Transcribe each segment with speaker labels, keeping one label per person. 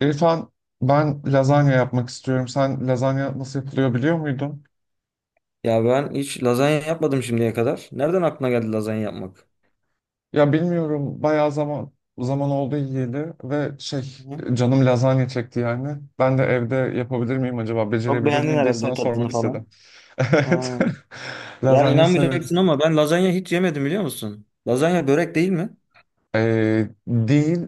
Speaker 1: İrfan, ben lazanya yapmak istiyorum. Sen lazanya nasıl yapılıyor biliyor muydun?
Speaker 2: Ya ben hiç lazanya yapmadım şimdiye kadar. Nereden aklına geldi lazanya yapmak?
Speaker 1: Ya bilmiyorum. Bayağı zaman oldu yiyeli ve şey,
Speaker 2: Hı.
Speaker 1: canım lazanya çekti yani. Ben de evde yapabilir miyim acaba?
Speaker 2: Çok
Speaker 1: Becerebilir
Speaker 2: beğendin
Speaker 1: miyim diye
Speaker 2: herhalde
Speaker 1: sana
Speaker 2: tadını
Speaker 1: sormak istedim.
Speaker 2: falan.
Speaker 1: Evet.
Speaker 2: Ha. Ya
Speaker 1: Lazanya severim.
Speaker 2: inanmayacaksın ama ben lazanya hiç yemedim biliyor musun? Lazanya börek değil mi?
Speaker 1: Değil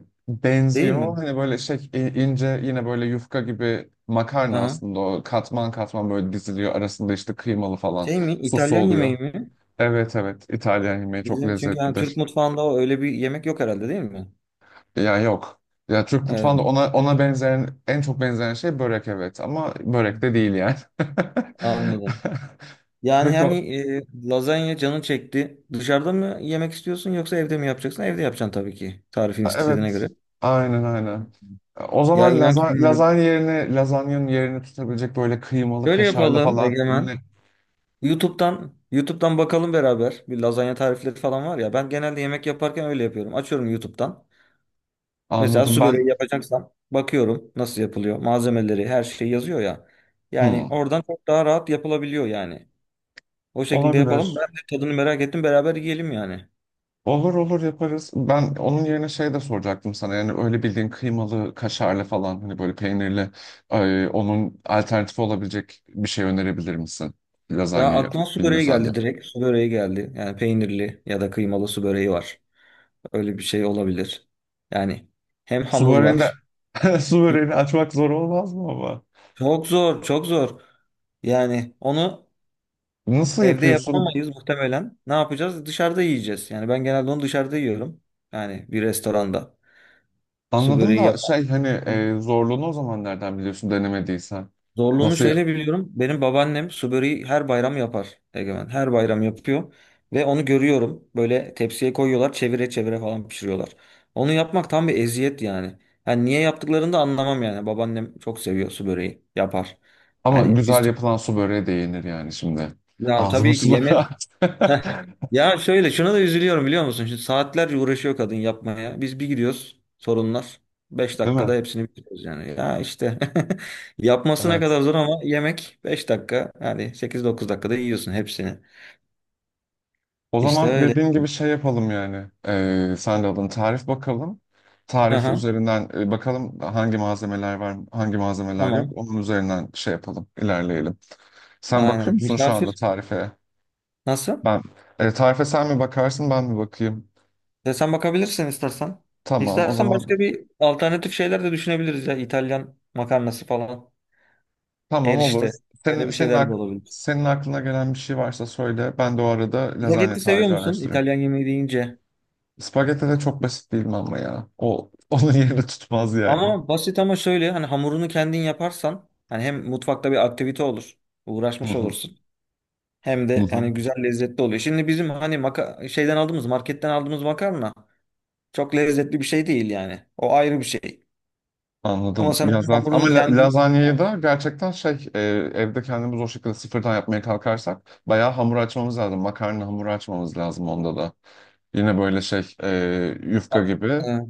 Speaker 2: Değil
Speaker 1: Benziyor.
Speaker 2: mi?
Speaker 1: Hani böyle şey ince yine böyle yufka gibi makarna,
Speaker 2: Aha.
Speaker 1: aslında o katman katman böyle diziliyor. Arasında işte kıymalı falan
Speaker 2: Şey mi?
Speaker 1: sosu
Speaker 2: İtalyan
Speaker 1: oluyor.
Speaker 2: yemeği mi?
Speaker 1: Evet, evet, İtalyan yemeği çok
Speaker 2: Bizim çünkü yani Türk
Speaker 1: lezzetlidir.
Speaker 2: mutfağında o öyle bir yemek yok herhalde değil mi?
Speaker 1: Ya yok. Ya Türk
Speaker 2: Evet.
Speaker 1: mutfağında ona benzeyen, en çok benzeyen şey börek, evet, ama börek de değil yani.
Speaker 2: Anladım.
Speaker 1: Peki o,
Speaker 2: Lazanya canın çekti. Dışarıda mı yemek istiyorsun yoksa evde mi yapacaksın? Evde yapacaksın tabii ki. Tarifin istediğine
Speaker 1: evet,
Speaker 2: göre.
Speaker 1: aynen aynen. O
Speaker 2: Ya
Speaker 1: zaman
Speaker 2: inan ki bilmiyorum.
Speaker 1: lazanya yerine, lazanyanın yerini tutabilecek böyle kıymalı
Speaker 2: Şöyle
Speaker 1: kaşarlı
Speaker 2: yapalım
Speaker 1: falan ne
Speaker 2: Egemen. YouTube'dan bakalım beraber. Bir lazanya tarifleri falan var ya. Ben genelde yemek yaparken öyle yapıyorum. Açıyorum YouTube'dan. Mesela
Speaker 1: anladım
Speaker 2: su
Speaker 1: ben.
Speaker 2: böreği yapacaksam bakıyorum nasıl yapılıyor. Malzemeleri, her şey yazıyor ya. Yani
Speaker 1: Hmm,
Speaker 2: oradan çok daha rahat yapılabiliyor yani. O şekilde yapalım. Ben
Speaker 1: olabilir.
Speaker 2: de tadını merak ettim. Beraber yiyelim yani.
Speaker 1: Olur olur, yaparız. Ben onun yerine şey de soracaktım sana. Yani öyle bildiğin kıymalı, kaşarlı falan, hani böyle peynirli, onun alternatifi olabilecek bir şey önerebilir misin?
Speaker 2: Ya
Speaker 1: Lazanyayı
Speaker 2: aklıma su böreği
Speaker 1: bilmiyorsan diye.
Speaker 2: geldi direkt. Su böreği geldi. Yani peynirli ya da kıymalı su böreği var. Öyle bir şey olabilir. Yani hem
Speaker 1: Su
Speaker 2: hamur
Speaker 1: böreğini
Speaker 2: var.
Speaker 1: de su böreğini açmak zor olmaz mı ama?
Speaker 2: Çok zor, çok zor. Yani onu
Speaker 1: Nasıl
Speaker 2: evde
Speaker 1: yapıyorsun?
Speaker 2: yapamayız muhtemelen. Ne yapacağız? Dışarıda yiyeceğiz. Yani ben genelde onu dışarıda yiyorum. Yani bir restoranda. Su
Speaker 1: Anladım
Speaker 2: böreği
Speaker 1: da
Speaker 2: yap.
Speaker 1: şey hani, zorluğunu o zaman nereden biliyorsun denemediysen?
Speaker 2: Zorluğunu
Speaker 1: Nasıl?
Speaker 2: şöyle biliyorum. Benim babaannem su böreği her bayram yapar. Egemen. Her bayram yapıyor. Ve onu görüyorum. Böyle tepsiye koyuyorlar. Çevire çevire falan pişiriyorlar. Onu yapmak tam bir eziyet yani. Yani niye yaptıklarını da anlamam yani. Babaannem çok seviyor su böreği. Yapar.
Speaker 1: Ama
Speaker 2: Yani biz...
Speaker 1: güzel yapılan su böreği de yenir yani şimdi.
Speaker 2: Ya evet,
Speaker 1: Ağzım
Speaker 2: tabii ki
Speaker 1: sulandı.
Speaker 2: yemek. Heh. Ya şöyle şuna da üzülüyorum biliyor musun? Şimdi saatlerce uğraşıyor kadın yapmaya. Biz bir gidiyoruz sorunlar. 5
Speaker 1: Değil mi?
Speaker 2: dakikada hepsini bitiriyoruz yani. Ya işte yapmasına
Speaker 1: Evet.
Speaker 2: kadar zor ama yemek 5 dakika. Yani 8-9 dakikada yiyorsun hepsini.
Speaker 1: O
Speaker 2: İşte
Speaker 1: zaman
Speaker 2: öyle.
Speaker 1: dediğin gibi şey yapalım yani. Sen de alın tarif bakalım. Tarif
Speaker 2: Aha,
Speaker 1: üzerinden bakalım hangi malzemeler var, hangi malzemeler yok.
Speaker 2: tamam.
Speaker 1: Onun üzerinden şey yapalım, ilerleyelim. Sen bakıyor
Speaker 2: Aynen.
Speaker 1: musun şu anda
Speaker 2: Misafir
Speaker 1: tarife?
Speaker 2: nasıl?
Speaker 1: Ben tarife sen mi bakarsın, ben mi bakayım?
Speaker 2: Ya sen bakabilirsin istersen.
Speaker 1: Tamam, o
Speaker 2: İstersen
Speaker 1: zaman
Speaker 2: başka bir alternatif şeyler de düşünebiliriz ya. İtalyan makarnası falan.
Speaker 1: tamam, olur.
Speaker 2: Erişte. Öyle
Speaker 1: Senin
Speaker 2: bir
Speaker 1: senin
Speaker 2: şeyler de
Speaker 1: ak
Speaker 2: olabilir.
Speaker 1: Senin aklına gelen bir şey varsa söyle. Ben de o arada lazanya
Speaker 2: Spagetti seviyor
Speaker 1: tarifi
Speaker 2: musun?
Speaker 1: araştırayım.
Speaker 2: İtalyan yemeği deyince.
Speaker 1: Spagetti de çok basit değil mi ama ya? O onun yerini tutmaz yani.
Speaker 2: Ama basit ama şöyle hani hamurunu kendin yaparsan hani hem mutfakta bir aktivite olur. Uğraşmış olursun. Hem de hani güzel lezzetli oluyor. Şimdi bizim hani şeyden aldığımız marketten aldığımız makarna çok lezzetli bir şey değil yani. O ayrı bir şey. Ama
Speaker 1: Anladım.
Speaker 2: sen
Speaker 1: Ya
Speaker 2: onun
Speaker 1: zaten, ama
Speaker 2: hamurunu kendin.
Speaker 1: lazanyayı da gerçekten şey, evde kendimiz o şekilde sıfırdan yapmaya kalkarsak bayağı hamur açmamız lazım. Makarna hamuru açmamız lazım onda da. Yine böyle şey, yufka gibi.
Speaker 2: Ha.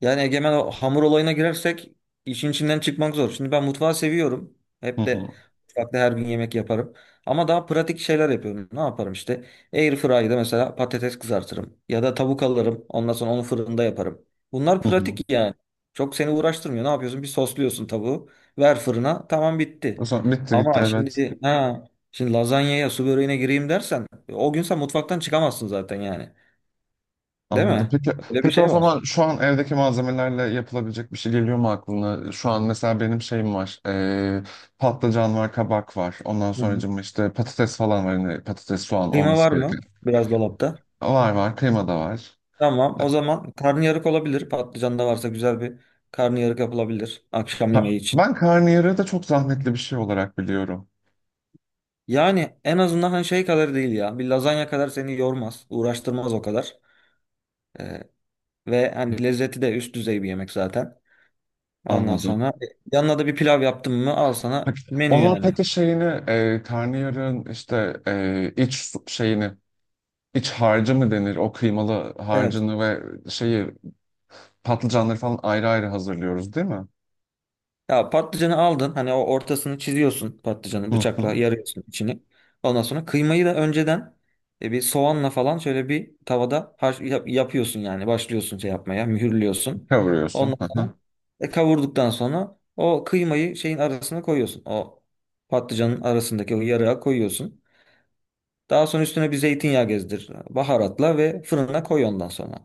Speaker 2: Yani Egemen o hamur olayına girersek işin içinden çıkmak zor. Şimdi ben mutfağı seviyorum.
Speaker 1: Hı
Speaker 2: Hep
Speaker 1: hı,
Speaker 2: de mutfakta her gün yemek yaparım. Ama daha pratik şeyler yapıyorum. Ne yaparım işte? Air fryer'da mesela patates kızartırım. Ya da tavuk alırım. Ondan sonra onu fırında yaparım. Bunlar
Speaker 1: hı hı.
Speaker 2: pratik yani. Çok seni uğraştırmıyor. Ne yapıyorsun? Bir sosluyorsun tavuğu. Ver fırına. Tamam
Speaker 1: O
Speaker 2: bitti.
Speaker 1: zaman bitti gitti,
Speaker 2: Ama
Speaker 1: evet.
Speaker 2: şimdi lazanyaya su böreğine gireyim dersen o gün sen mutfaktan çıkamazsın zaten yani. Değil
Speaker 1: Anladım.
Speaker 2: mi?
Speaker 1: Peki,
Speaker 2: Öyle bir
Speaker 1: peki o
Speaker 2: şey var.
Speaker 1: zaman şu an evdeki malzemelerle yapılabilecek bir şey geliyor mu aklına? Şu an mesela benim şeyim var. E, patlıcan var, kabak var. Ondan
Speaker 2: Hı hı.
Speaker 1: sonracığıma işte patates falan var. Hani patates, soğan
Speaker 2: Kıyma
Speaker 1: olması
Speaker 2: var mı?
Speaker 1: gereken.
Speaker 2: Biraz dolapta.
Speaker 1: Var var. Kıyma da var.
Speaker 2: Tamam. O zaman karnıyarık olabilir. Patlıcan da varsa güzel bir karnıyarık yapılabilir akşam yemeği için.
Speaker 1: Ben karnıyarığı da çok zahmetli bir şey olarak biliyorum.
Speaker 2: Yani en azından hani şey kadar değil ya. Bir lazanya kadar seni yormaz, uğraştırmaz o kadar. Ee, ve hani lezzeti de üst düzey bir yemek zaten. Ondan sonra
Speaker 1: Anladım.
Speaker 2: yanına da bir pilav yaptın mı al sana
Speaker 1: Peki,
Speaker 2: menü
Speaker 1: onun
Speaker 2: yani.
Speaker 1: peki şeyini, karnıyarığın işte şeyini, iç harcı mı denir? O kıymalı
Speaker 2: Evet.
Speaker 1: harcını ve şeyi, patlıcanları falan ayrı ayrı hazırlıyoruz değil mi?
Speaker 2: Ya patlıcanı aldın. Hani o ortasını çiziyorsun patlıcanı
Speaker 1: Hı
Speaker 2: bıçakla
Speaker 1: hı.
Speaker 2: yarıyorsun içini. Ondan sonra kıymayı da önceden bir soğanla falan şöyle bir tavada yapıyorsun yani. Başlıyorsun şey yapmaya, mühürlüyorsun.
Speaker 1: Kavuruyorsun.
Speaker 2: Ondan
Speaker 1: Hı hı.
Speaker 2: sonra kavurduktan sonra o kıymayı şeyin arasına koyuyorsun. O patlıcanın arasındaki o yarığa koyuyorsun. Daha sonra üstüne bir zeytinyağı gezdir. Baharatla ve fırına koy ondan sonra.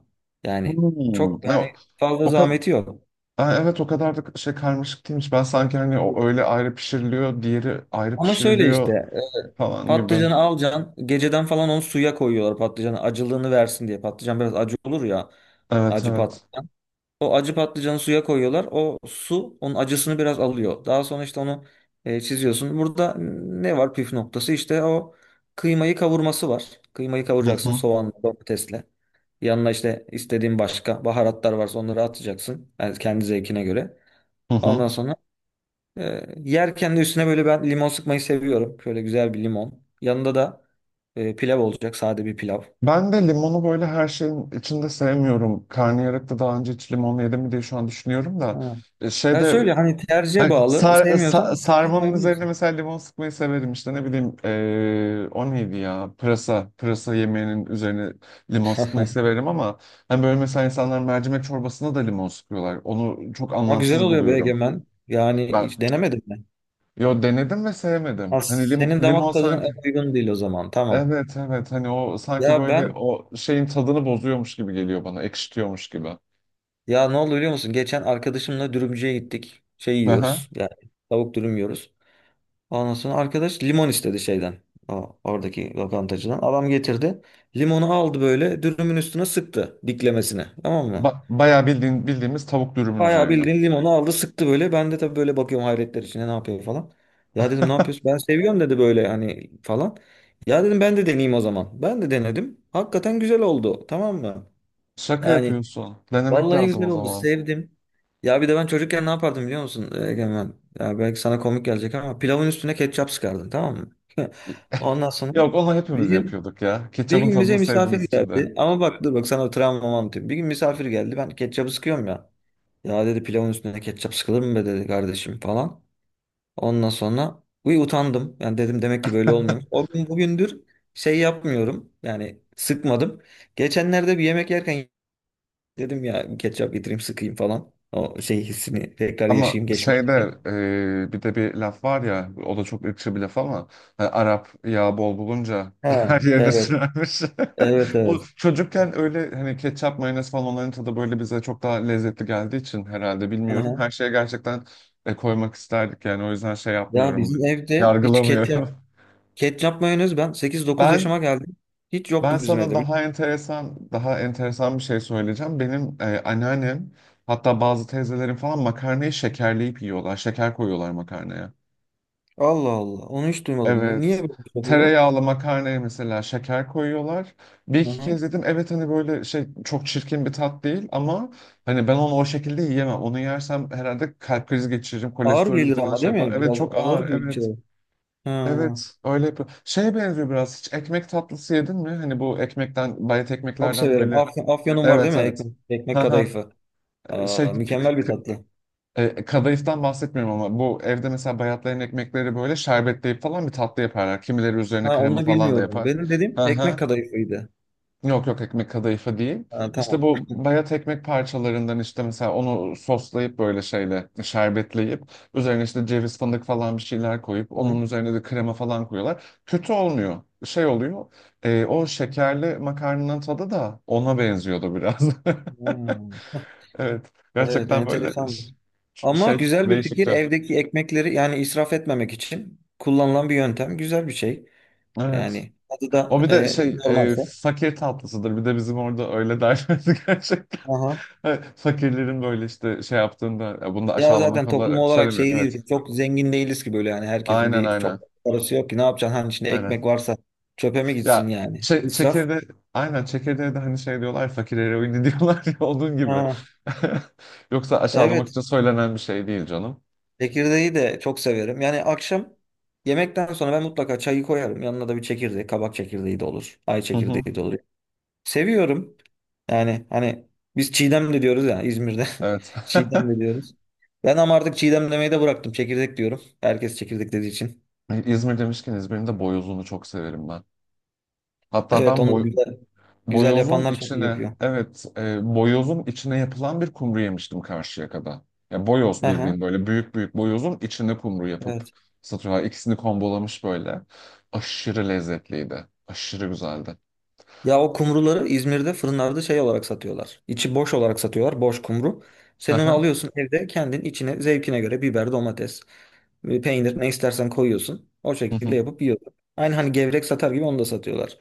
Speaker 2: Yani
Speaker 1: Hmm.
Speaker 2: çok yani
Speaker 1: O,
Speaker 2: fazla
Speaker 1: o kadar,
Speaker 2: zahmeti yok.
Speaker 1: evet, o kadar da şey karmaşık değilmiş. Ben sanki hani o öyle ayrı pişiriliyor, diğeri ayrı
Speaker 2: Ama şöyle
Speaker 1: pişiriliyor
Speaker 2: işte
Speaker 1: falan gibi.
Speaker 2: patlıcanı alacaksın. Geceden falan onu suya koyuyorlar patlıcanı acılığını versin diye. Patlıcan biraz acı olur ya.
Speaker 1: Evet
Speaker 2: Acı
Speaker 1: evet.
Speaker 2: patlıcan. O acı patlıcanı suya koyuyorlar. O su onun acısını biraz alıyor. Daha sonra işte onu çiziyorsun. Burada ne var püf noktası? İşte o kıymayı kavurması var. Kıymayı
Speaker 1: Hı
Speaker 2: kavuracaksın
Speaker 1: hı.
Speaker 2: soğanla, domatesle. Yanına işte istediğin başka baharatlar varsa onları atacaksın. Yani kendi zevkine göre.
Speaker 1: Hı
Speaker 2: Ondan
Speaker 1: hı.
Speaker 2: sonra yerken de üstüne böyle ben limon sıkmayı seviyorum. Şöyle güzel bir limon. Yanında da pilav olacak. Sade bir pilav.
Speaker 1: Ben de limonu böyle her şeyin içinde sevmiyorum. Karnıyarıkta daha önce hiç limon yedim mi diye şu an düşünüyorum da.
Speaker 2: Ha. Ya
Speaker 1: Şeyde
Speaker 2: söyle hani tercihe
Speaker 1: ay,
Speaker 2: bağlı. Sevmiyorsan
Speaker 1: sarmanın üzerine
Speaker 2: sıkmayabilirsin.
Speaker 1: mesela limon sıkmayı severim, işte ne bileyim, o neydi ya, pırasa yemeğinin üzerine limon sıkmayı severim ama hani böyle mesela insanlar mercimek çorbasına da limon sıkıyorlar, onu çok
Speaker 2: Ama güzel
Speaker 1: anlamsız
Speaker 2: oluyor be
Speaker 1: buluyorum
Speaker 2: Egemen. Yani
Speaker 1: ben.
Speaker 2: hiç denemedim ben.
Speaker 1: Yo, denedim ve sevmedim,
Speaker 2: Ha,
Speaker 1: hani
Speaker 2: senin
Speaker 1: limon
Speaker 2: damak tadına
Speaker 1: sanki.
Speaker 2: en uygun değil o zaman. Tamam.
Speaker 1: Evet evet, hani o sanki
Speaker 2: Ya
Speaker 1: böyle
Speaker 2: ben
Speaker 1: o şeyin tadını bozuyormuş gibi geliyor bana, ekşitiyormuş gibi.
Speaker 2: ya ne oldu biliyor musun? Geçen arkadaşımla dürümcüye gittik. Şey
Speaker 1: Aha.
Speaker 2: yiyoruz. Yani tavuk dürüm yiyoruz. Ondan sonra arkadaş limon istedi şeyden. Oradaki lokantacıdan. Adam getirdi. Limonu aldı böyle dürümün üstüne sıktı diklemesine. Tamam mı?
Speaker 1: Ba bayağı bildiğin, bildiğimiz tavuk dürümün
Speaker 2: Bayağı
Speaker 1: üzerine.
Speaker 2: bildiğin limonu aldı sıktı böyle. Ben de tabii böyle bakıyorum hayretler içinde ne yapıyor falan. Ya dedim ne yapıyorsun? Ben seviyorum dedi böyle hani falan. Ya dedim ben de deneyeyim o zaman. Ben de denedim. Hakikaten güzel oldu. Tamam mı?
Speaker 1: Şaka
Speaker 2: Yani
Speaker 1: yapıyorsun. Denemek
Speaker 2: vallahi
Speaker 1: lazım
Speaker 2: güzel
Speaker 1: o
Speaker 2: oldu.
Speaker 1: zaman.
Speaker 2: Sevdim. Ya bir de ben çocukken ne yapardım biliyor musun Egemen? Ya belki sana komik gelecek ama pilavın üstüne ketçap sıkardım tamam mı? Ondan sonra
Speaker 1: Yok, onu
Speaker 2: bir
Speaker 1: hepimiz
Speaker 2: gün,
Speaker 1: yapıyorduk ya.
Speaker 2: bir
Speaker 1: Ketçapın
Speaker 2: gün bize
Speaker 1: tadını
Speaker 2: misafir
Speaker 1: sevdiğimiz için de.
Speaker 2: geldi. Ama bak dur bak sana travmamı anlatayım. Bir gün misafir geldi. Ben ketçabı sıkıyorum ya. Ya dedi pilavın üstüne ketçap sıkılır mı be dedi kardeşim falan. Ondan sonra utandım. Yani dedim demek ki böyle olmuyor. O gün bugündür şey yapmıyorum. Yani sıkmadım. Geçenlerde bir yemek yerken dedim ya ketçap getireyim sıkayım falan. O şey hissini tekrar
Speaker 1: Ama
Speaker 2: yaşayayım
Speaker 1: şeyde,
Speaker 2: geçmişteki.
Speaker 1: bir de bir laf var ya, o da çok ırkçı bir laf ama, hani Arap yağ bol bulunca
Speaker 2: Ha,
Speaker 1: her yerine
Speaker 2: evet.
Speaker 1: sürermiş.
Speaker 2: Evet,
Speaker 1: O
Speaker 2: evet.
Speaker 1: çocukken öyle hani ketçap, mayonez falan, onların tadı böyle bize çok daha lezzetli geldiği için herhalde, bilmiyorum.
Speaker 2: Aha.
Speaker 1: Her şeye gerçekten koymak isterdik yani, o yüzden şey
Speaker 2: Ya
Speaker 1: yapmıyorum ben.
Speaker 2: bizim evde hiç
Speaker 1: Yargılamıyorum.
Speaker 2: ketçap ketçap mayonez ben sekiz dokuz
Speaker 1: Ben
Speaker 2: yaşıma geldim. Hiç
Speaker 1: ben
Speaker 2: yoktu bizim
Speaker 1: sana
Speaker 2: evde. Biliyor.
Speaker 1: daha enteresan, daha enteresan bir şey söyleyeceğim. Benim anneannem, hatta bazı teyzelerin falan makarnayı şekerleyip yiyorlar. Şeker koyuyorlar makarnaya.
Speaker 2: Allah Allah. Onu hiç duymadım ya. Niye
Speaker 1: Evet.
Speaker 2: böyle bir şey yapıyorlar?
Speaker 1: Tereyağlı makarnaya mesela şeker koyuyorlar. Bir iki
Speaker 2: Aha.
Speaker 1: kez yedim. Evet, hani böyle şey, çok çirkin bir tat değil ama hani ben onu o şekilde yiyemem. Onu yersem herhalde kalp krizi geçiririm.
Speaker 2: Ağır
Speaker 1: Kolesterolüm
Speaker 2: gelir
Speaker 1: falan
Speaker 2: ama
Speaker 1: şey
Speaker 2: değil
Speaker 1: yapar.
Speaker 2: mi?
Speaker 1: Evet,
Speaker 2: Biraz
Speaker 1: çok
Speaker 2: ağır
Speaker 1: ağır.
Speaker 2: bir
Speaker 1: Evet.
Speaker 2: içecek. Ha.
Speaker 1: Evet, öyle yapıyor. Şeye benziyor biraz. Hiç ekmek tatlısı yedin mi? Hani bu ekmekten, bayat
Speaker 2: Çok
Speaker 1: ekmeklerden
Speaker 2: severim.
Speaker 1: böyle.
Speaker 2: Afyon, afyonum var
Speaker 1: Evet
Speaker 2: değil mi?
Speaker 1: evet.
Speaker 2: Ekmek, ekmek
Speaker 1: Haha,
Speaker 2: kadayıfı.
Speaker 1: şey,
Speaker 2: Aa, mükemmel bir tatlı.
Speaker 1: kadayıftan bahsetmiyorum ama bu evde mesela bayatlayan ekmekleri böyle şerbetleyip falan bir tatlı yaparlar. Kimileri üzerine
Speaker 2: Ha,
Speaker 1: krema
Speaker 2: onu
Speaker 1: falan da
Speaker 2: bilmiyorum.
Speaker 1: yapar.
Speaker 2: Benim dediğim ekmek
Speaker 1: Aha.
Speaker 2: kadayıfıydı.
Speaker 1: Yok yok, ekmek kadayıfı değil.
Speaker 2: Ha,
Speaker 1: İşte
Speaker 2: tamam.
Speaker 1: bu bayat ekmek parçalarından, işte mesela onu soslayıp böyle şeyle şerbetleyip üzerine işte ceviz, fındık falan bir şeyler koyup,
Speaker 2: Hı
Speaker 1: onun üzerine de krema falan koyuyorlar. Kötü olmuyor. Şey oluyor, o şekerli makarnanın tadı da ona benziyordu biraz.
Speaker 2: hı.
Speaker 1: Evet.
Speaker 2: Evet,
Speaker 1: Gerçekten böyle
Speaker 2: enteresanmış. Ama
Speaker 1: şey,
Speaker 2: güzel bir fikir.
Speaker 1: değişikti.
Speaker 2: Evdeki ekmekleri yani israf etmemek için kullanılan bir yöntem. Güzel bir şey.
Speaker 1: Evet.
Speaker 2: Yani adı da
Speaker 1: O bir de şey,
Speaker 2: normalse.
Speaker 1: fakir tatlısıdır. Bir de bizim orada öyle derlerdi gerçekten.
Speaker 2: Aha.
Speaker 1: Evet, fakirlerin böyle işte şey yaptığında, ya bunu da
Speaker 2: Ya
Speaker 1: aşağılamak
Speaker 2: zaten toplum
Speaker 1: olarak
Speaker 2: olarak
Speaker 1: söylemiyorum.
Speaker 2: şey değil
Speaker 1: Evet.
Speaker 2: ki, çok zengin değiliz ki böyle yani herkesin
Speaker 1: Aynen
Speaker 2: bir
Speaker 1: aynen.
Speaker 2: çok parası yok ki ne yapacaksın hani içinde
Speaker 1: Aynen.
Speaker 2: ekmek varsa çöpe mi gitsin
Speaker 1: Ya
Speaker 2: yani
Speaker 1: çe
Speaker 2: israf.
Speaker 1: Çekirde, aynen, çekirdeğe de hani şey diyorlar, fakir eroini diyorlar ya, onun gibi.
Speaker 2: Ha,
Speaker 1: Yoksa aşağılamak
Speaker 2: evet
Speaker 1: için söylenen bir şey değil canım.
Speaker 2: çekirdeği de çok severim. Yani akşam yemekten sonra ben mutlaka çayı koyarım. Yanına da bir çekirdek, kabak çekirdeği de olur, ay
Speaker 1: Hı hı.
Speaker 2: çekirdeği de olur. Seviyorum. Yani hani biz Çiğdem de diyoruz ya İzmir'de.
Speaker 1: Evet.
Speaker 2: Çiğdem de diyoruz. Ben ama artık Çiğdem demeyi de bıraktım. Çekirdek diyorum. Herkes çekirdek dediği için.
Speaker 1: İzmir demişken, İzmir'in de boyozunu çok severim ben. Hatta
Speaker 2: Evet
Speaker 1: ben
Speaker 2: onu
Speaker 1: boy
Speaker 2: güzel güzel
Speaker 1: Boyozun
Speaker 2: yapanlar çok iyi
Speaker 1: içine,
Speaker 2: yapıyor.
Speaker 1: evet, boyozun içine yapılan bir kumru yemiştim Karşıyaka'da. Ya boyoz,
Speaker 2: Hı hı,
Speaker 1: bildiğin böyle büyük büyük boyozun içine kumru yapıp
Speaker 2: evet.
Speaker 1: satıyorlar. İkisini kombolamış böyle. Aşırı lezzetliydi. Aşırı güzeldi.
Speaker 2: Ya o kumruları İzmir'de fırınlarda şey olarak satıyorlar. İçi boş olarak satıyorlar. Boş kumru.
Speaker 1: Hı
Speaker 2: Sen onu
Speaker 1: hı,
Speaker 2: alıyorsun evde kendin içine zevkine göre biber, domates, peynir ne istersen koyuyorsun. O
Speaker 1: hı
Speaker 2: şekilde
Speaker 1: hı.
Speaker 2: yapıp yiyorsun. Aynı hani gevrek satar gibi onu da satıyorlar.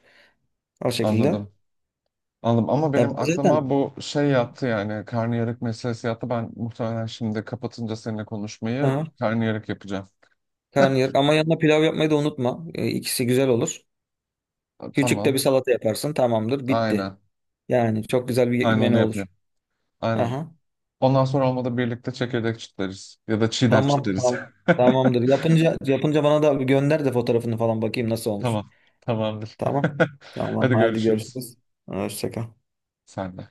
Speaker 2: O şekilde. Ya
Speaker 1: Anladım. Anladım, ama
Speaker 2: ben
Speaker 1: benim aklıma
Speaker 2: zaten
Speaker 1: bu şey yattı yani, karnıyarık meselesi yattı. Ben muhtemelen şimdi kapatınca seninle konuşmayı
Speaker 2: hı.
Speaker 1: karnıyarık yapacağım.
Speaker 2: Karnıyarık ama yanına pilav yapmayı da unutma. İkisi güzel olur. Küçük de bir
Speaker 1: Tamam.
Speaker 2: salata yaparsın. Tamamdır.
Speaker 1: Aynen.
Speaker 2: Bitti. Yani çok güzel bir
Speaker 1: Aynen
Speaker 2: menü
Speaker 1: onu
Speaker 2: olur.
Speaker 1: yapıyorum. Aynen.
Speaker 2: Aha.
Speaker 1: Ondan sonra olmadı birlikte çekirdek çitleriz. Ya da çiğdem
Speaker 2: Tamam,
Speaker 1: çitleriz.
Speaker 2: tamam. Tamamdır. Yapınca bana da gönder de fotoğrafını falan bakayım nasıl olmuş.
Speaker 1: Tamam. Tamamdır.
Speaker 2: Tamam. Tamam.
Speaker 1: Hadi
Speaker 2: Haydi
Speaker 1: görüşürüz.
Speaker 2: görüşürüz. Hoşça kal.
Speaker 1: Sen de.